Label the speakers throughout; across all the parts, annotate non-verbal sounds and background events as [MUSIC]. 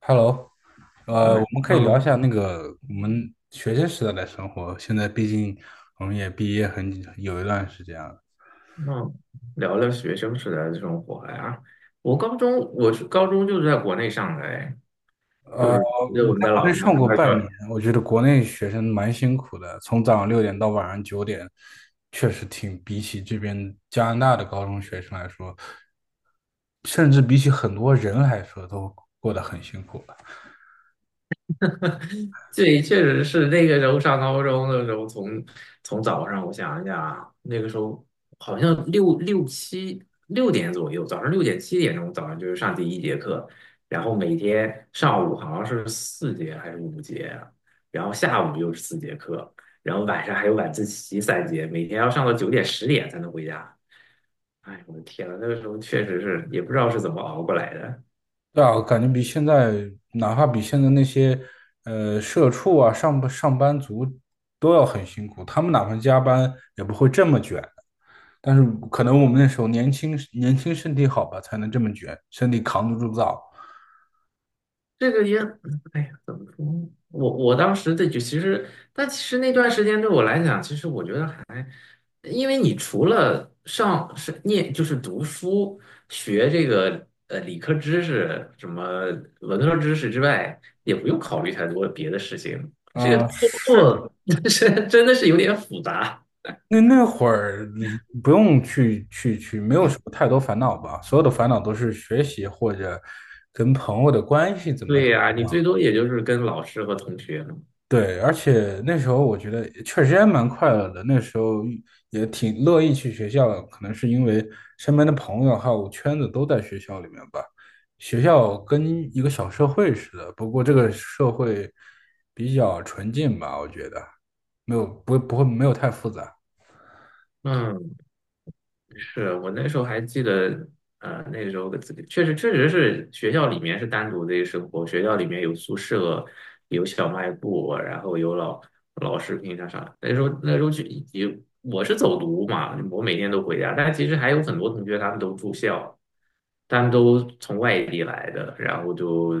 Speaker 1: Hello，
Speaker 2: 嗯
Speaker 1: 我们可以聊一
Speaker 2: 那
Speaker 1: 下那个我们学生时代的生活。现在毕竟我们也毕业很有一段时间了。
Speaker 2: 嗯。聊聊学生时代的这生活呀。我是高中就是在国内上的，哎，就是
Speaker 1: 我
Speaker 2: 就我们
Speaker 1: 在
Speaker 2: 在
Speaker 1: 国
Speaker 2: 老
Speaker 1: 内
Speaker 2: 家，我
Speaker 1: 上
Speaker 2: 们
Speaker 1: 过
Speaker 2: 那儿叫。
Speaker 1: 半年，我觉得国内学生蛮辛苦的，从早上六点到晚上九点，确实挺比起这边加拿大的高中学生来说，甚至比起很多人来说，都过得很辛苦。
Speaker 2: 对，确实是那个时候上高中的时候从早上我想一下啊，那个时候好像六点左右，早上六点7点钟就是上第一节课，然后每天上午好像是四节还是5节啊，然后下午又是4节课，然后晚上还有晚自习三节，每天要上到9点10点才能回家。哎，我的天呐，那个时候确实是也不知道是怎么熬过来的。
Speaker 1: 对啊，我感觉比现在，哪怕比现在那些，社畜啊、上班族都要很辛苦。他们哪怕加班也不会这么卷，但是可能我们那时候年轻，年轻身体好吧，才能这么卷，身体扛得住造。
Speaker 2: 这个也，哎呀，怎么说？我当时其实，但其实那段时间对我来讲，其实我觉得还，因为你除了上是念就是读书学这个理科知识什么文科知识之外，也不用考虑太多别的事情。这个
Speaker 1: 嗯、
Speaker 2: 工
Speaker 1: 是的。
Speaker 2: 作 [LAUGHS] 是真的是有点复杂。
Speaker 1: 那会儿不用去，没有什么太多烦恼吧，所有的烦恼都是学习或者跟朋友的关系怎么。
Speaker 2: 对呀，
Speaker 1: 怎
Speaker 2: 你
Speaker 1: 么
Speaker 2: 最
Speaker 1: 样。
Speaker 2: 多也就是跟老师和同学。
Speaker 1: 对，而且那时候我觉得确实也蛮快乐的，那时候也挺乐意去学校的，可能是因为身边的朋友还有圈子都在学校里面吧。学校跟一个小社会似的，不过这个社会比较纯净吧，我觉得没有不不会没有太复杂。
Speaker 2: 嗯，是我那时候还记得，那时候的自己确实是学校里面是单独的一个生活，学校里面有宿舍，有小卖部，然后有老师平常上。那时候去，也我是走读嘛，我每天都回家，但其实还有很多同学他们都住校，他们都从外地来的，然后就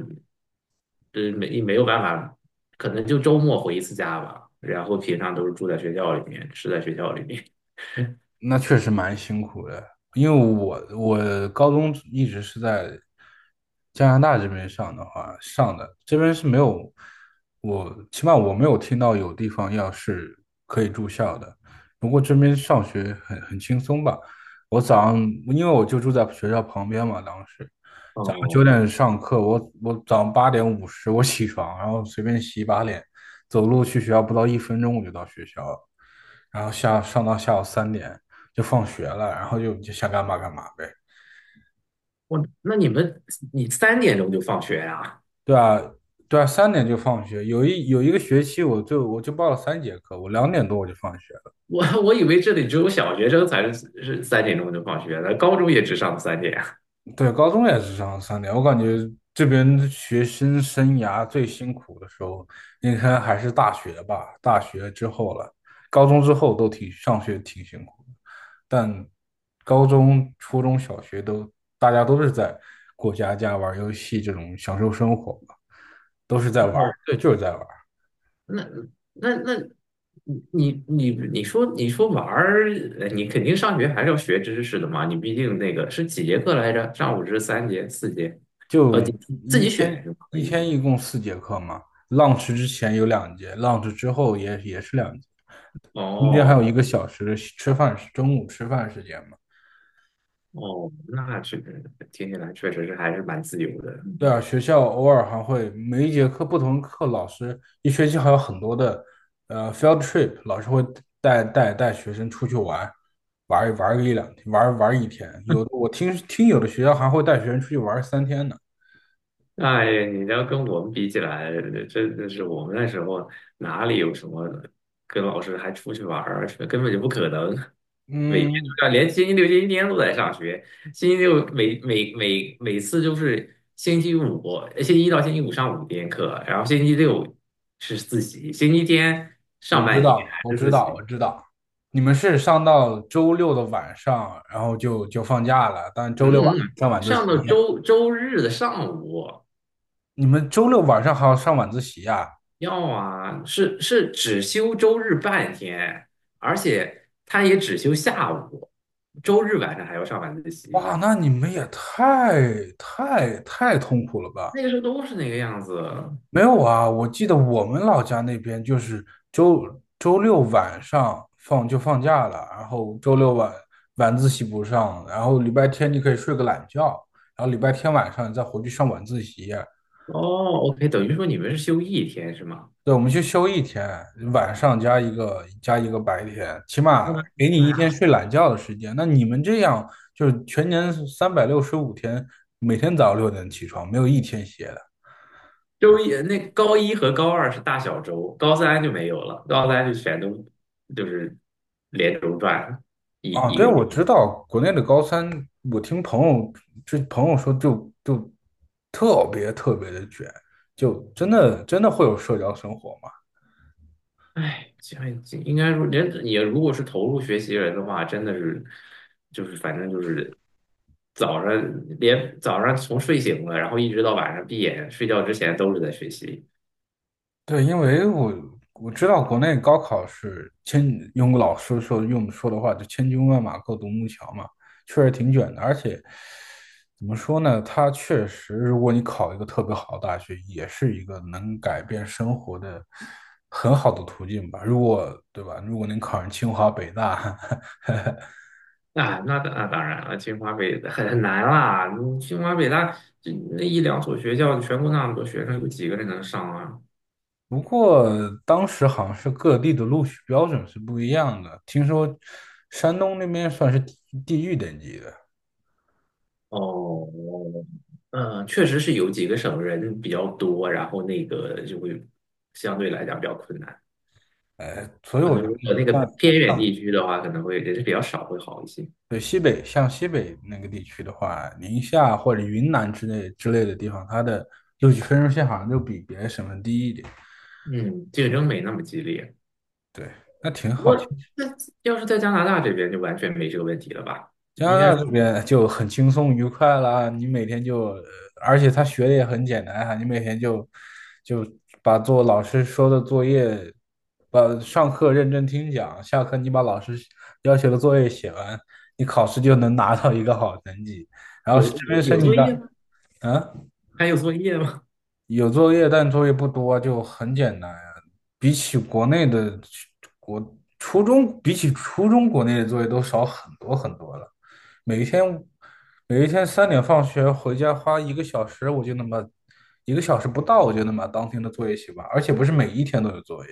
Speaker 2: 对没有办法，可能就周末回一次家吧，然后平常都是住在学校里面，吃在学校里面。
Speaker 1: 那确实蛮辛苦的，因为我高中一直是在加拿大这边上的，这边是没有我起码我没有听到有地方要是可以住校的。不过这边上学很轻松吧，我早上因为我就住在学校旁边嘛，当时早上
Speaker 2: 哦。
Speaker 1: 九点上课，我早上8:50我起床，然后随便洗一把脸，走路去学校不到一分钟我就到学校了，然后上到下午三点。就放学了，然后就想干嘛干嘛呗。
Speaker 2: 我那你们你三点钟就放学呀。
Speaker 1: 对啊，对啊，三点就放学。有一个学期，我就报了3节课，我2点多我就放学了。
Speaker 2: 我以为这里只有小学生才是三点钟就放学的，高中也只上三点。
Speaker 1: 对，高中也是上三点。我感觉这边学生生涯最辛苦的时候，应该还是大学吧。大学之后了，高中之后都挺上学挺辛苦的，但高中、初中小学大家都是在过家家、玩游戏这种享受生活嘛，都是在玩儿，
Speaker 2: 哦，
Speaker 1: 对，就是在玩。
Speaker 2: 那那那，你说玩儿。你肯定上学还是要学知识的嘛？你毕竟那个是几节课来着？上午是3节、4节。
Speaker 1: 就
Speaker 2: 你自
Speaker 1: 一
Speaker 2: 己选
Speaker 1: 天
Speaker 2: 就可
Speaker 1: 一
Speaker 2: 以。
Speaker 1: 天一共4节课嘛，lunch 之前有两节，lunch 之后也是两节，中间还有
Speaker 2: 哦
Speaker 1: 一个小时的吃饭时，中午吃饭时间嘛。
Speaker 2: 哦，那这个听起来确实是还是蛮自由的。
Speaker 1: 对啊，学校偶尔还会每一节课不同课，老师一学期还有很多的field trip，老师会带学生出去玩，玩玩个一两天，玩玩一天。我听听有的学校还会带学生出去玩3天呢。
Speaker 2: 哎，你要跟我们比起来，真的是我们那时候哪里有什么跟老师还出去玩儿，根本就不可能。每天
Speaker 1: 嗯，
Speaker 2: 都要，连星期六、星期天都在上学。星期六每次就是星期五，星期一到星期五上5天课，然后星期六是自习，星期天
Speaker 1: 我
Speaker 2: 上
Speaker 1: 知
Speaker 2: 半天
Speaker 1: 道，
Speaker 2: 还
Speaker 1: 我
Speaker 2: 是
Speaker 1: 知
Speaker 2: 自
Speaker 1: 道，
Speaker 2: 习。
Speaker 1: 我知道，你们是上到周六的晚上，然后就放假了，但周
Speaker 2: 嗯。
Speaker 1: 六晚上
Speaker 2: 嗯，
Speaker 1: 上晚自习，
Speaker 2: 上到周日的上午。
Speaker 1: 你们周六晚上还要上晚自习啊？
Speaker 2: 要啊，是只休周日半天，而且他也只休下午，周日晚上还要上晚自习。
Speaker 1: 哇，那你们也太痛苦了吧？
Speaker 2: 那个时候都是那个样子。
Speaker 1: 没有啊，我记得我们老家那边就是周六晚上就放假了，然后周六晚晚自习不上，然后礼拜天你可以睡个懒觉，然后礼拜天晚上再回去上晚自习。
Speaker 2: 哦，OK，等于说你们是休一天是吗？
Speaker 1: 对，我们去休一天，晚上加一个白天，起
Speaker 2: 我
Speaker 1: 码
Speaker 2: 的
Speaker 1: 给你
Speaker 2: 妈
Speaker 1: 一
Speaker 2: 呀！
Speaker 1: 天
Speaker 2: [LAUGHS]
Speaker 1: 睡懒觉的时间。那你们这样就是全年365天，每天早上六点起床，没有一天歇的
Speaker 2: 那高一和高二是大小周，高三就没有了，高三就全都就是连轴转一
Speaker 1: 啊。
Speaker 2: 一
Speaker 1: 对，我
Speaker 2: 个。
Speaker 1: 知道国内的高三，我听这朋友说就特别特别的卷，就真的真的会有社交生活吗？
Speaker 2: 哎，这样应该说，人也如果是投入学习人的话，真的是，就是反正就是早上连早上从睡醒了，然后一直到晚上闭眼睡觉之前都是在学习。
Speaker 1: 对，因为我知道国内高考是千，用说的话就千军万马过独木桥嘛，确实挺卷的。而且怎么说呢，它确实，如果你考一个特别好的大学，也是一个能改变生活的很好的途径吧。对吧？如果能考上清华北大，
Speaker 2: 啊，那当然了，清华北很难啦，你清华北大这那一两所学校，全国那么多学生，有几个人能上啊？
Speaker 1: [LAUGHS] 不过当时好像是各地的录取标准是不一样的，听说山东那边算是地狱等级的。
Speaker 2: 哦。嗯，确实是有几个省人比较多，然后那个就会相对来讲比较困难。
Speaker 1: 所以
Speaker 2: 可
Speaker 1: 我
Speaker 2: 能
Speaker 1: 觉得
Speaker 2: 如果那个
Speaker 1: 像
Speaker 2: 偏远地
Speaker 1: 像
Speaker 2: 区的话，可能会人是比较少，会好一些。
Speaker 1: 像西北那个地区的话，宁夏或者云南之类的地方，它的录取分数线好像就比别的省份低一点。
Speaker 2: 嗯，竞争没那么激烈。
Speaker 1: 对，那挺
Speaker 2: 不
Speaker 1: 好。
Speaker 2: 过，那要是在加拿大这边，就完全没这个问题了吧？
Speaker 1: 加拿
Speaker 2: 应该
Speaker 1: 大
Speaker 2: 是
Speaker 1: 这边就很轻松愉快啦，你每天就，呃而且他学的也很简单啊，你每天就把做老师说的作业，把上课认真听讲，下课你把老师要求的作业写完，你考试就能拿到一个好成绩。然后这
Speaker 2: 有
Speaker 1: 边
Speaker 2: 有
Speaker 1: 申
Speaker 2: 有
Speaker 1: 请
Speaker 2: 作
Speaker 1: 到，
Speaker 2: 业吗？
Speaker 1: 嗯，
Speaker 2: 还有作业吗？
Speaker 1: 有作业，但作业不多，就很简单呀。比起国内的国初中，比起初中国内的作业都少很多很多了。每一天每一天三点放学回家花一个小时，我就能把一个小时不到，我就能把当天的作业写完，而且不是每一天都有作业，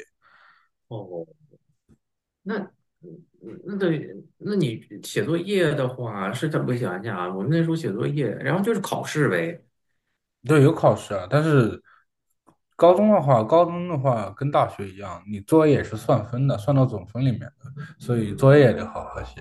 Speaker 2: [LAUGHS] 哦，那嗯那，对，那你写作业的话，是怎么想想啊？我们那时候写作业，然后就是考试呗。
Speaker 1: 对，有考试啊。但是高中的话，高中的话跟大学一样，你作业也是算分的，算到总分里面的，所以作业也得好好写。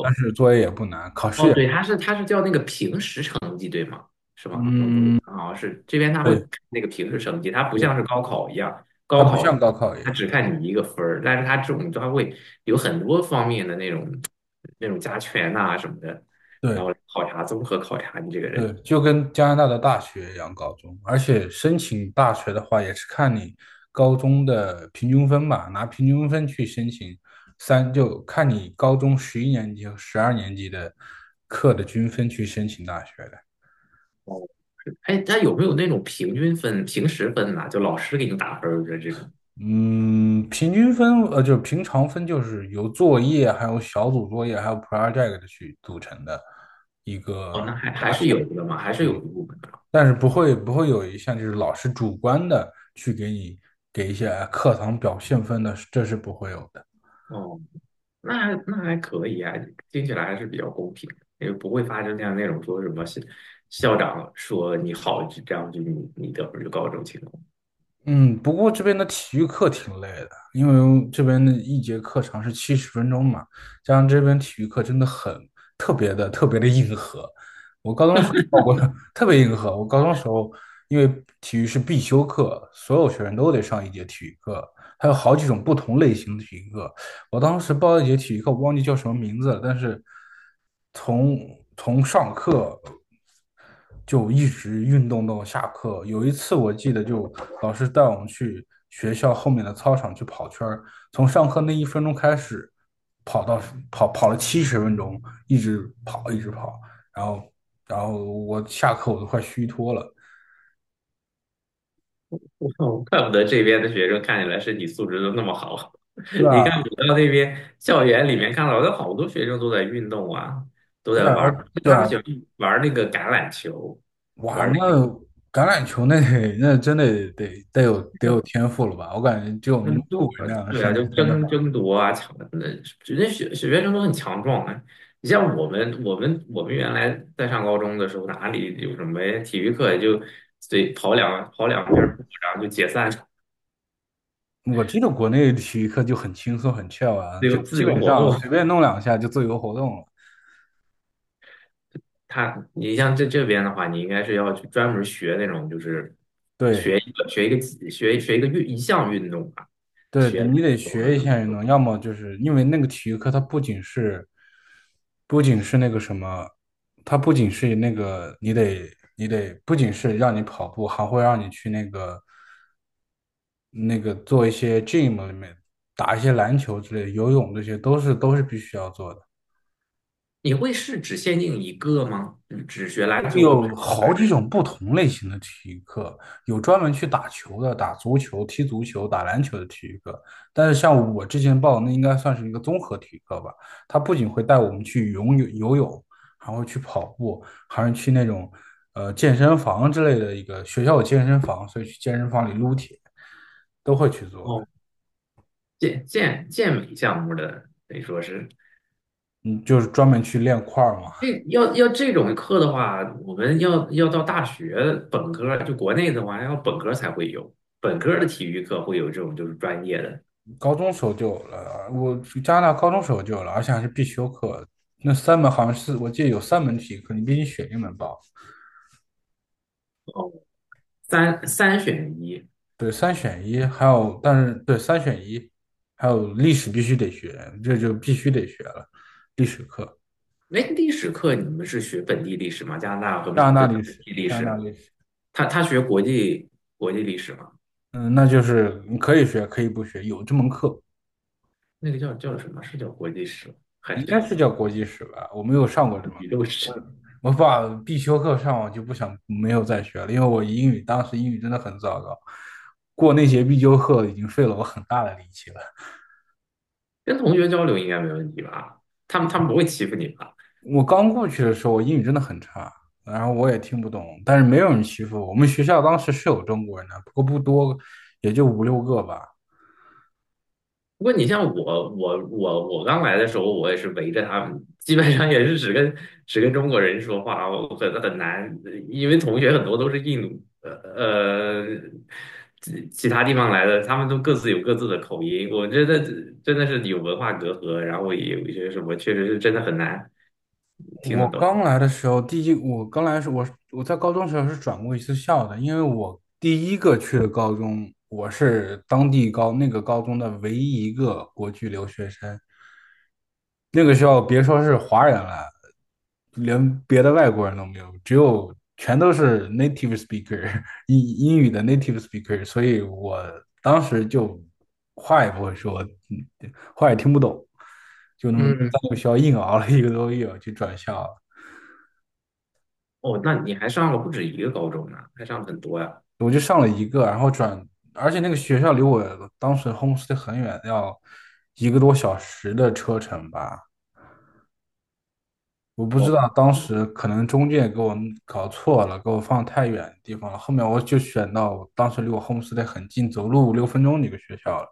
Speaker 1: 但是作业也不难，考试
Speaker 2: 哦，
Speaker 1: 也，
Speaker 2: 对，它是叫那个平时成绩，对吗？是吗？我记
Speaker 1: 嗯，
Speaker 2: 得啊，是这边他会
Speaker 1: 对
Speaker 2: 看那个平时成绩，它不
Speaker 1: 对，
Speaker 2: 像是高考一样，
Speaker 1: 它
Speaker 2: 高
Speaker 1: 不
Speaker 2: 考
Speaker 1: 像高考一
Speaker 2: 它
Speaker 1: 样，
Speaker 2: 只看你一个分儿，但是它这种它会有很多方面的那种加权呐、什么的，
Speaker 1: 对。
Speaker 2: 然后考察综合考察你这个
Speaker 1: 对，
Speaker 2: 人。
Speaker 1: 就跟加拿大的大学一样，高中，而且申请大学的话，也是看你高中的平均分吧，拿平均分去申请就看你高中11年级和12年级的课的均分去申请大学的。
Speaker 2: 哦，是。哎，它有没有那种平均分、平时分呐、就老师给你打分儿的这种？
Speaker 1: 嗯，平均分，就是平常分，就是由作业、还有小组作业、还有 project 去组成的一
Speaker 2: 哦，
Speaker 1: 个。
Speaker 2: 那还是有的嘛，还是有一部分的。
Speaker 1: 但是不会有一项就是老师主观的去给你给一些课堂表现分的，这是不会有的。
Speaker 2: 哦，那还可以啊，听起来还是比较公平的，为不会发生像那种说什么校长说你好，就这样就你你得分就高这种情况。
Speaker 1: 嗯，不过这边的体育课挺累的，因为这边的一节课长是七十分钟嘛，加上这边体育课真的很特别的特别的硬核。我高中时。特别硬核。我高中时候因为体育是必修课，所有学生都得上一节体育课，还有好几种不同类型的体育课。我当时报了一节体育课，我忘记叫什么名字了，但是从从上课就一直运动到下课。有一次我记得，就老师带我们去学校后面的操场去跑圈儿，从上课那一分钟开始，跑到跑跑了七十分钟，一直跑一直跑，然后然后我下课我都快虚脱了。
Speaker 2: [LAUGHS] 我怪不得这边的学生看起来身体素质都那么好。
Speaker 1: 对
Speaker 2: [LAUGHS] 你
Speaker 1: 啊，
Speaker 2: 看，我到那边校园里面看到有好多学生都在运动啊，都
Speaker 1: 对
Speaker 2: 在
Speaker 1: 啊，
Speaker 2: 玩儿
Speaker 1: 对
Speaker 2: 他们
Speaker 1: 啊，
Speaker 2: 喜欢玩儿那个橄榄球，玩
Speaker 1: 哇，
Speaker 2: 儿
Speaker 1: 那
Speaker 2: 那
Speaker 1: 橄榄球那得那真得有
Speaker 2: 个。
Speaker 1: 天赋了吧？我感觉只有
Speaker 2: 那
Speaker 1: 穆
Speaker 2: 就
Speaker 1: 伟
Speaker 2: 啊，
Speaker 1: 那样的
Speaker 2: 对
Speaker 1: 身
Speaker 2: 啊，
Speaker 1: 材
Speaker 2: 就
Speaker 1: 才能玩。
Speaker 2: 争夺啊，抢的，人家学生都很强壮啊。你像我们，我们原来在上高中的时候，哪里有什么体育课，也就随跑两遍步，然后就解散，
Speaker 1: 我记得国内体育课就很轻松很 chill 啊，就
Speaker 2: 自
Speaker 1: 基
Speaker 2: 由
Speaker 1: 本
Speaker 2: 活
Speaker 1: 上
Speaker 2: 动。
Speaker 1: 随便弄两下就自由活动了。
Speaker 2: 你像这边的话，你应该是要去专门学那种，就是学
Speaker 1: 对，
Speaker 2: 一个学一个技学学一个运一项运动吧，
Speaker 1: 对对，
Speaker 2: 学
Speaker 1: 你得
Speaker 2: 或者
Speaker 1: 学一
Speaker 2: 什么
Speaker 1: 下运动，要么就是因为那个体育课，它不仅是，不仅是那个什么，它不仅是那个，你得不仅是让你跑步，还会让你去那个做一些 gym 里面打一些篮球之类的，游泳这些都是必须要做的。
Speaker 2: 你会是只限定一个吗？只学篮球或排
Speaker 1: 有
Speaker 2: 球
Speaker 1: 好
Speaker 2: 还
Speaker 1: 几
Speaker 2: 是？
Speaker 1: 种不同类型的体育课，有专门去打球的，打足球、踢足球、打篮球的体育课。但是像我之前报的，那应该算是一个综合体育课吧。它不仅会带我们去游泳，还会去跑步，还是去那种健身房之类的。一个学校有健身房，所以去健身房里撸铁都会去做的。
Speaker 2: 健美项目的，得说是
Speaker 1: 嗯，就是专门去练块儿嘛。
Speaker 2: 这要这种课的话，我们要到大学本科，就国内的话，要本科才会有，本科的体育课会有这种就是专业的。
Speaker 1: 高中时候就有了，我加拿大高中时候就有了，而且还是必修课。那三门好像是我记得有三门体育课，你必须选一门吧？
Speaker 2: 哦，三选一。
Speaker 1: 对，三选一，还有但是对三选一，还有历史必须得学，这就必须得学了。历史课，
Speaker 2: 哎，历史课你们是学本地历史吗？加拿大和
Speaker 1: 加拿大历
Speaker 2: 本
Speaker 1: 史，
Speaker 2: 地历
Speaker 1: 加拿大
Speaker 2: 史？
Speaker 1: 历史。
Speaker 2: 他学国际历史吗？
Speaker 1: 嗯，那就是你可以学，可以不学，有这门课，
Speaker 2: 那个叫什么？是叫国际史吗还
Speaker 1: 应
Speaker 2: 是
Speaker 1: 该
Speaker 2: 叫
Speaker 1: 是叫国际史吧？我没有上过这门。
Speaker 2: 宇宙史？
Speaker 1: 我把必修课上完就不想没有再学了，因为我英语当时英语真的很糟糕，过那节必修课已经费了我很大的力气了。
Speaker 2: 跟同学交流应该没问题吧？他们不会欺负你吧？
Speaker 1: 我刚过去的时候，我英语真的很差，然后我也听不懂，但是没有人欺负我。我们学校当时是有中国人的，不过不多，也就五六个吧。
Speaker 2: 不过你像我，我刚来的时候，我也是围着他们，基本上也是只跟中国人说话，我很难，因为同学很多都是印度，其他地方来的，他们都各自有各自的口音，我觉得真的是有文化隔阂，然后也有一些什么，确实是真的很难听
Speaker 1: 我
Speaker 2: 得懂。
Speaker 1: 刚来的时候，我刚来的时候，我在高中时候是转过一次校的，因为我第一个去的高中，我是当地那个高中的唯一一个国际留学生。那个学校别说是华人了，连别的外国人都没有，只有全都是 native speaker [LAUGHS] 英英语的 native speaker，所以我当时就话也不会说，嗯话也听不懂，就那么
Speaker 2: 嗯。
Speaker 1: 在那个学校硬熬了一个多月就转校了。
Speaker 2: 哦，那你还上了不止一个高中呢，还上了很多呀。
Speaker 1: 我就上了一个，然后转，而且那个学校离我当时 homestay 很远，要一个多小时的车程吧。我不知道当时可能中介给我搞错了，给我放太远的地方了。后面我就选到我当时离我 homestay 很近，走路五六分钟的一个学校了，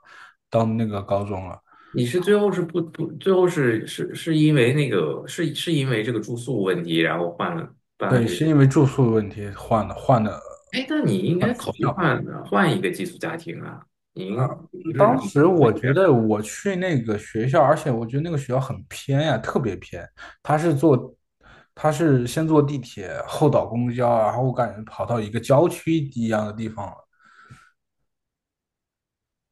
Speaker 1: 当那个高中了。
Speaker 2: 你是最后是不不，最后是因为那个是因为这个住宿问题，然后换了。
Speaker 1: 对，是因为住宿的问题换的换的
Speaker 2: 哎，那你应
Speaker 1: 换
Speaker 2: 该
Speaker 1: 的学
Speaker 2: 考虑
Speaker 1: 校。
Speaker 2: 换一个寄宿家庭啊！您你不是
Speaker 1: 当
Speaker 2: 你
Speaker 1: 时
Speaker 2: 不会。
Speaker 1: 我
Speaker 2: 这
Speaker 1: 觉
Speaker 2: 样。
Speaker 1: 得我去那个学校，而且我觉得那个学校很偏呀，特别偏。他是坐，他是先坐地铁，后倒公交，然后我感觉跑到一个郊区一样的地方了。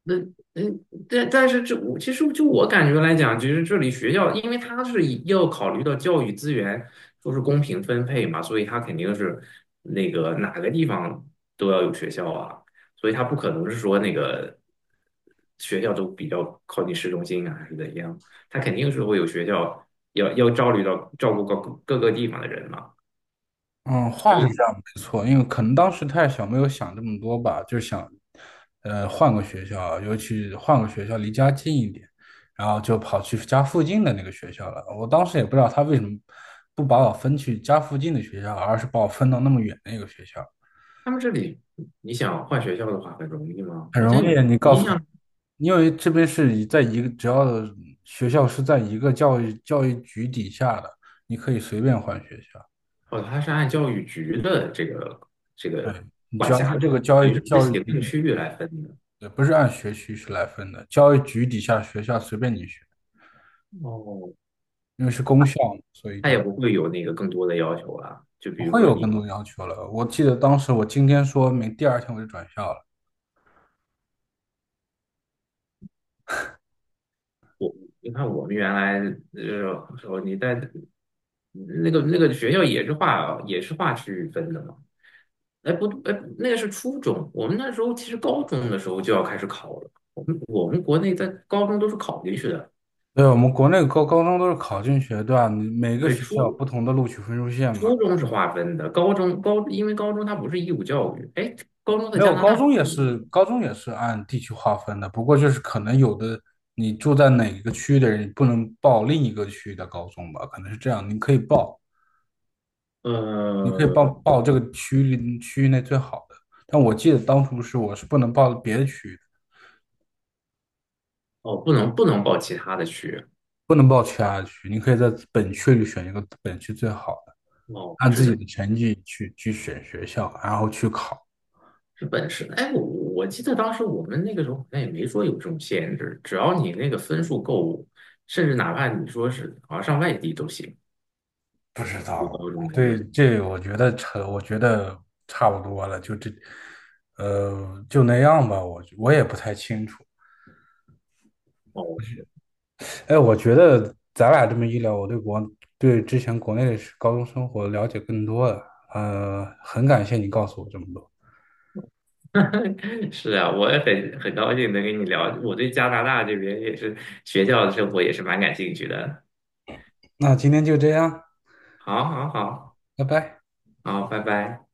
Speaker 2: 那，但是这我其实就我感觉来讲，其实这里学校，因为它是以要考虑到教育资源说是公平分配嘛，所以它肯定是那个哪个地方都要有学校啊，所以它不可能是说那个学校都比较靠近市中心啊，还是怎样，它肯定是会有学校要照虑到照顾各个地方的人嘛。
Speaker 1: 嗯，话是这样，没错，因为可能当时太小，没有想这么多吧，就想，换个学校，尤其换个学校离家近一点，然后就跑去家附近的那个学校了。我当时也不知道他为什么不把我分去家附近的学校，而是把我分到那么远的一个学校。
Speaker 2: 他们这里你想换学校的话很容易吗？
Speaker 1: 很
Speaker 2: 好像
Speaker 1: 容易，你
Speaker 2: 我
Speaker 1: 告
Speaker 2: 印
Speaker 1: 诉，
Speaker 2: 象。
Speaker 1: 因为这边是以在一个，只要学校是在一个教育局底下的，你可以随便换学校。
Speaker 2: 哦，它是按教育局的这
Speaker 1: 对，
Speaker 2: 个
Speaker 1: 你只
Speaker 2: 管
Speaker 1: 要
Speaker 2: 辖
Speaker 1: 是
Speaker 2: 的，
Speaker 1: 这个教
Speaker 2: 等
Speaker 1: 育
Speaker 2: 于是
Speaker 1: 教育
Speaker 2: 行政
Speaker 1: 局。
Speaker 2: 区域来分的。
Speaker 1: 对，不是按学区是来分的，教育局底下学校随便你选，
Speaker 2: 哦，
Speaker 1: 因为是公校嘛，所以
Speaker 2: 它也
Speaker 1: 就
Speaker 2: 不会有那个更多的要求啊。就
Speaker 1: 不
Speaker 2: 比如
Speaker 1: 会
Speaker 2: 说
Speaker 1: 有更
Speaker 2: 你，
Speaker 1: 多的要求了。我记得当时我今天说明，第二天我就转校了。
Speaker 2: 你看我们原来时候，你在那个学校也是划区域分的嘛。哎不哎，那个是初中，我们那时候其实高中的时候就要开始考了。我们国内在高中都是考进去的。
Speaker 1: 对，我们国内高中都是考进学段，你每个
Speaker 2: 对，
Speaker 1: 学校有不同的录取分数线嘛。
Speaker 2: 初中是划分的，高中因为高中它不是义务教育，哎，高中在
Speaker 1: 没
Speaker 2: 加
Speaker 1: 有，
Speaker 2: 拿
Speaker 1: 高
Speaker 2: 大
Speaker 1: 中也是，高中也是按地区划分的，不过就是可能有的你住在哪一个区域的人，你不能报另一个区域的高中吧，可能是这样，你可以报，你可以
Speaker 2: 呃，
Speaker 1: 报这个区域内最好的，但我记得当初是我是不能报别的区域的
Speaker 2: 哦，不能报其他的区。
Speaker 1: 不能报其他的区，你可以在本区里选一个本区最好的，
Speaker 2: 哦，
Speaker 1: 按
Speaker 2: 只
Speaker 1: 自己
Speaker 2: 能
Speaker 1: 的成绩去选学校，然后去考。
Speaker 2: 是本市。哎，我记得当时我们那个时候好像也没说有这种限制，只要你那个分数够，甚至哪怕你说是好像上外地都行，
Speaker 1: 不知
Speaker 2: 对
Speaker 1: 道，
Speaker 2: 高中来
Speaker 1: 对，
Speaker 2: 讲。
Speaker 1: 这我觉得我觉得差不多了，就这，就那样吧。我也不太清楚，
Speaker 2: 哦，
Speaker 1: 哎，我觉得咱俩这么一聊，我对之前国内的高中生活了解更多了。很感谢你告诉我这么多。
Speaker 2: [LAUGHS] 是啊，我也很高兴能跟你聊，我对加拿大这边也是学校的生活也是蛮感兴趣的。
Speaker 1: 那今天就这样，
Speaker 2: 好，好，好，
Speaker 1: 拜拜。
Speaker 2: 好，拜拜。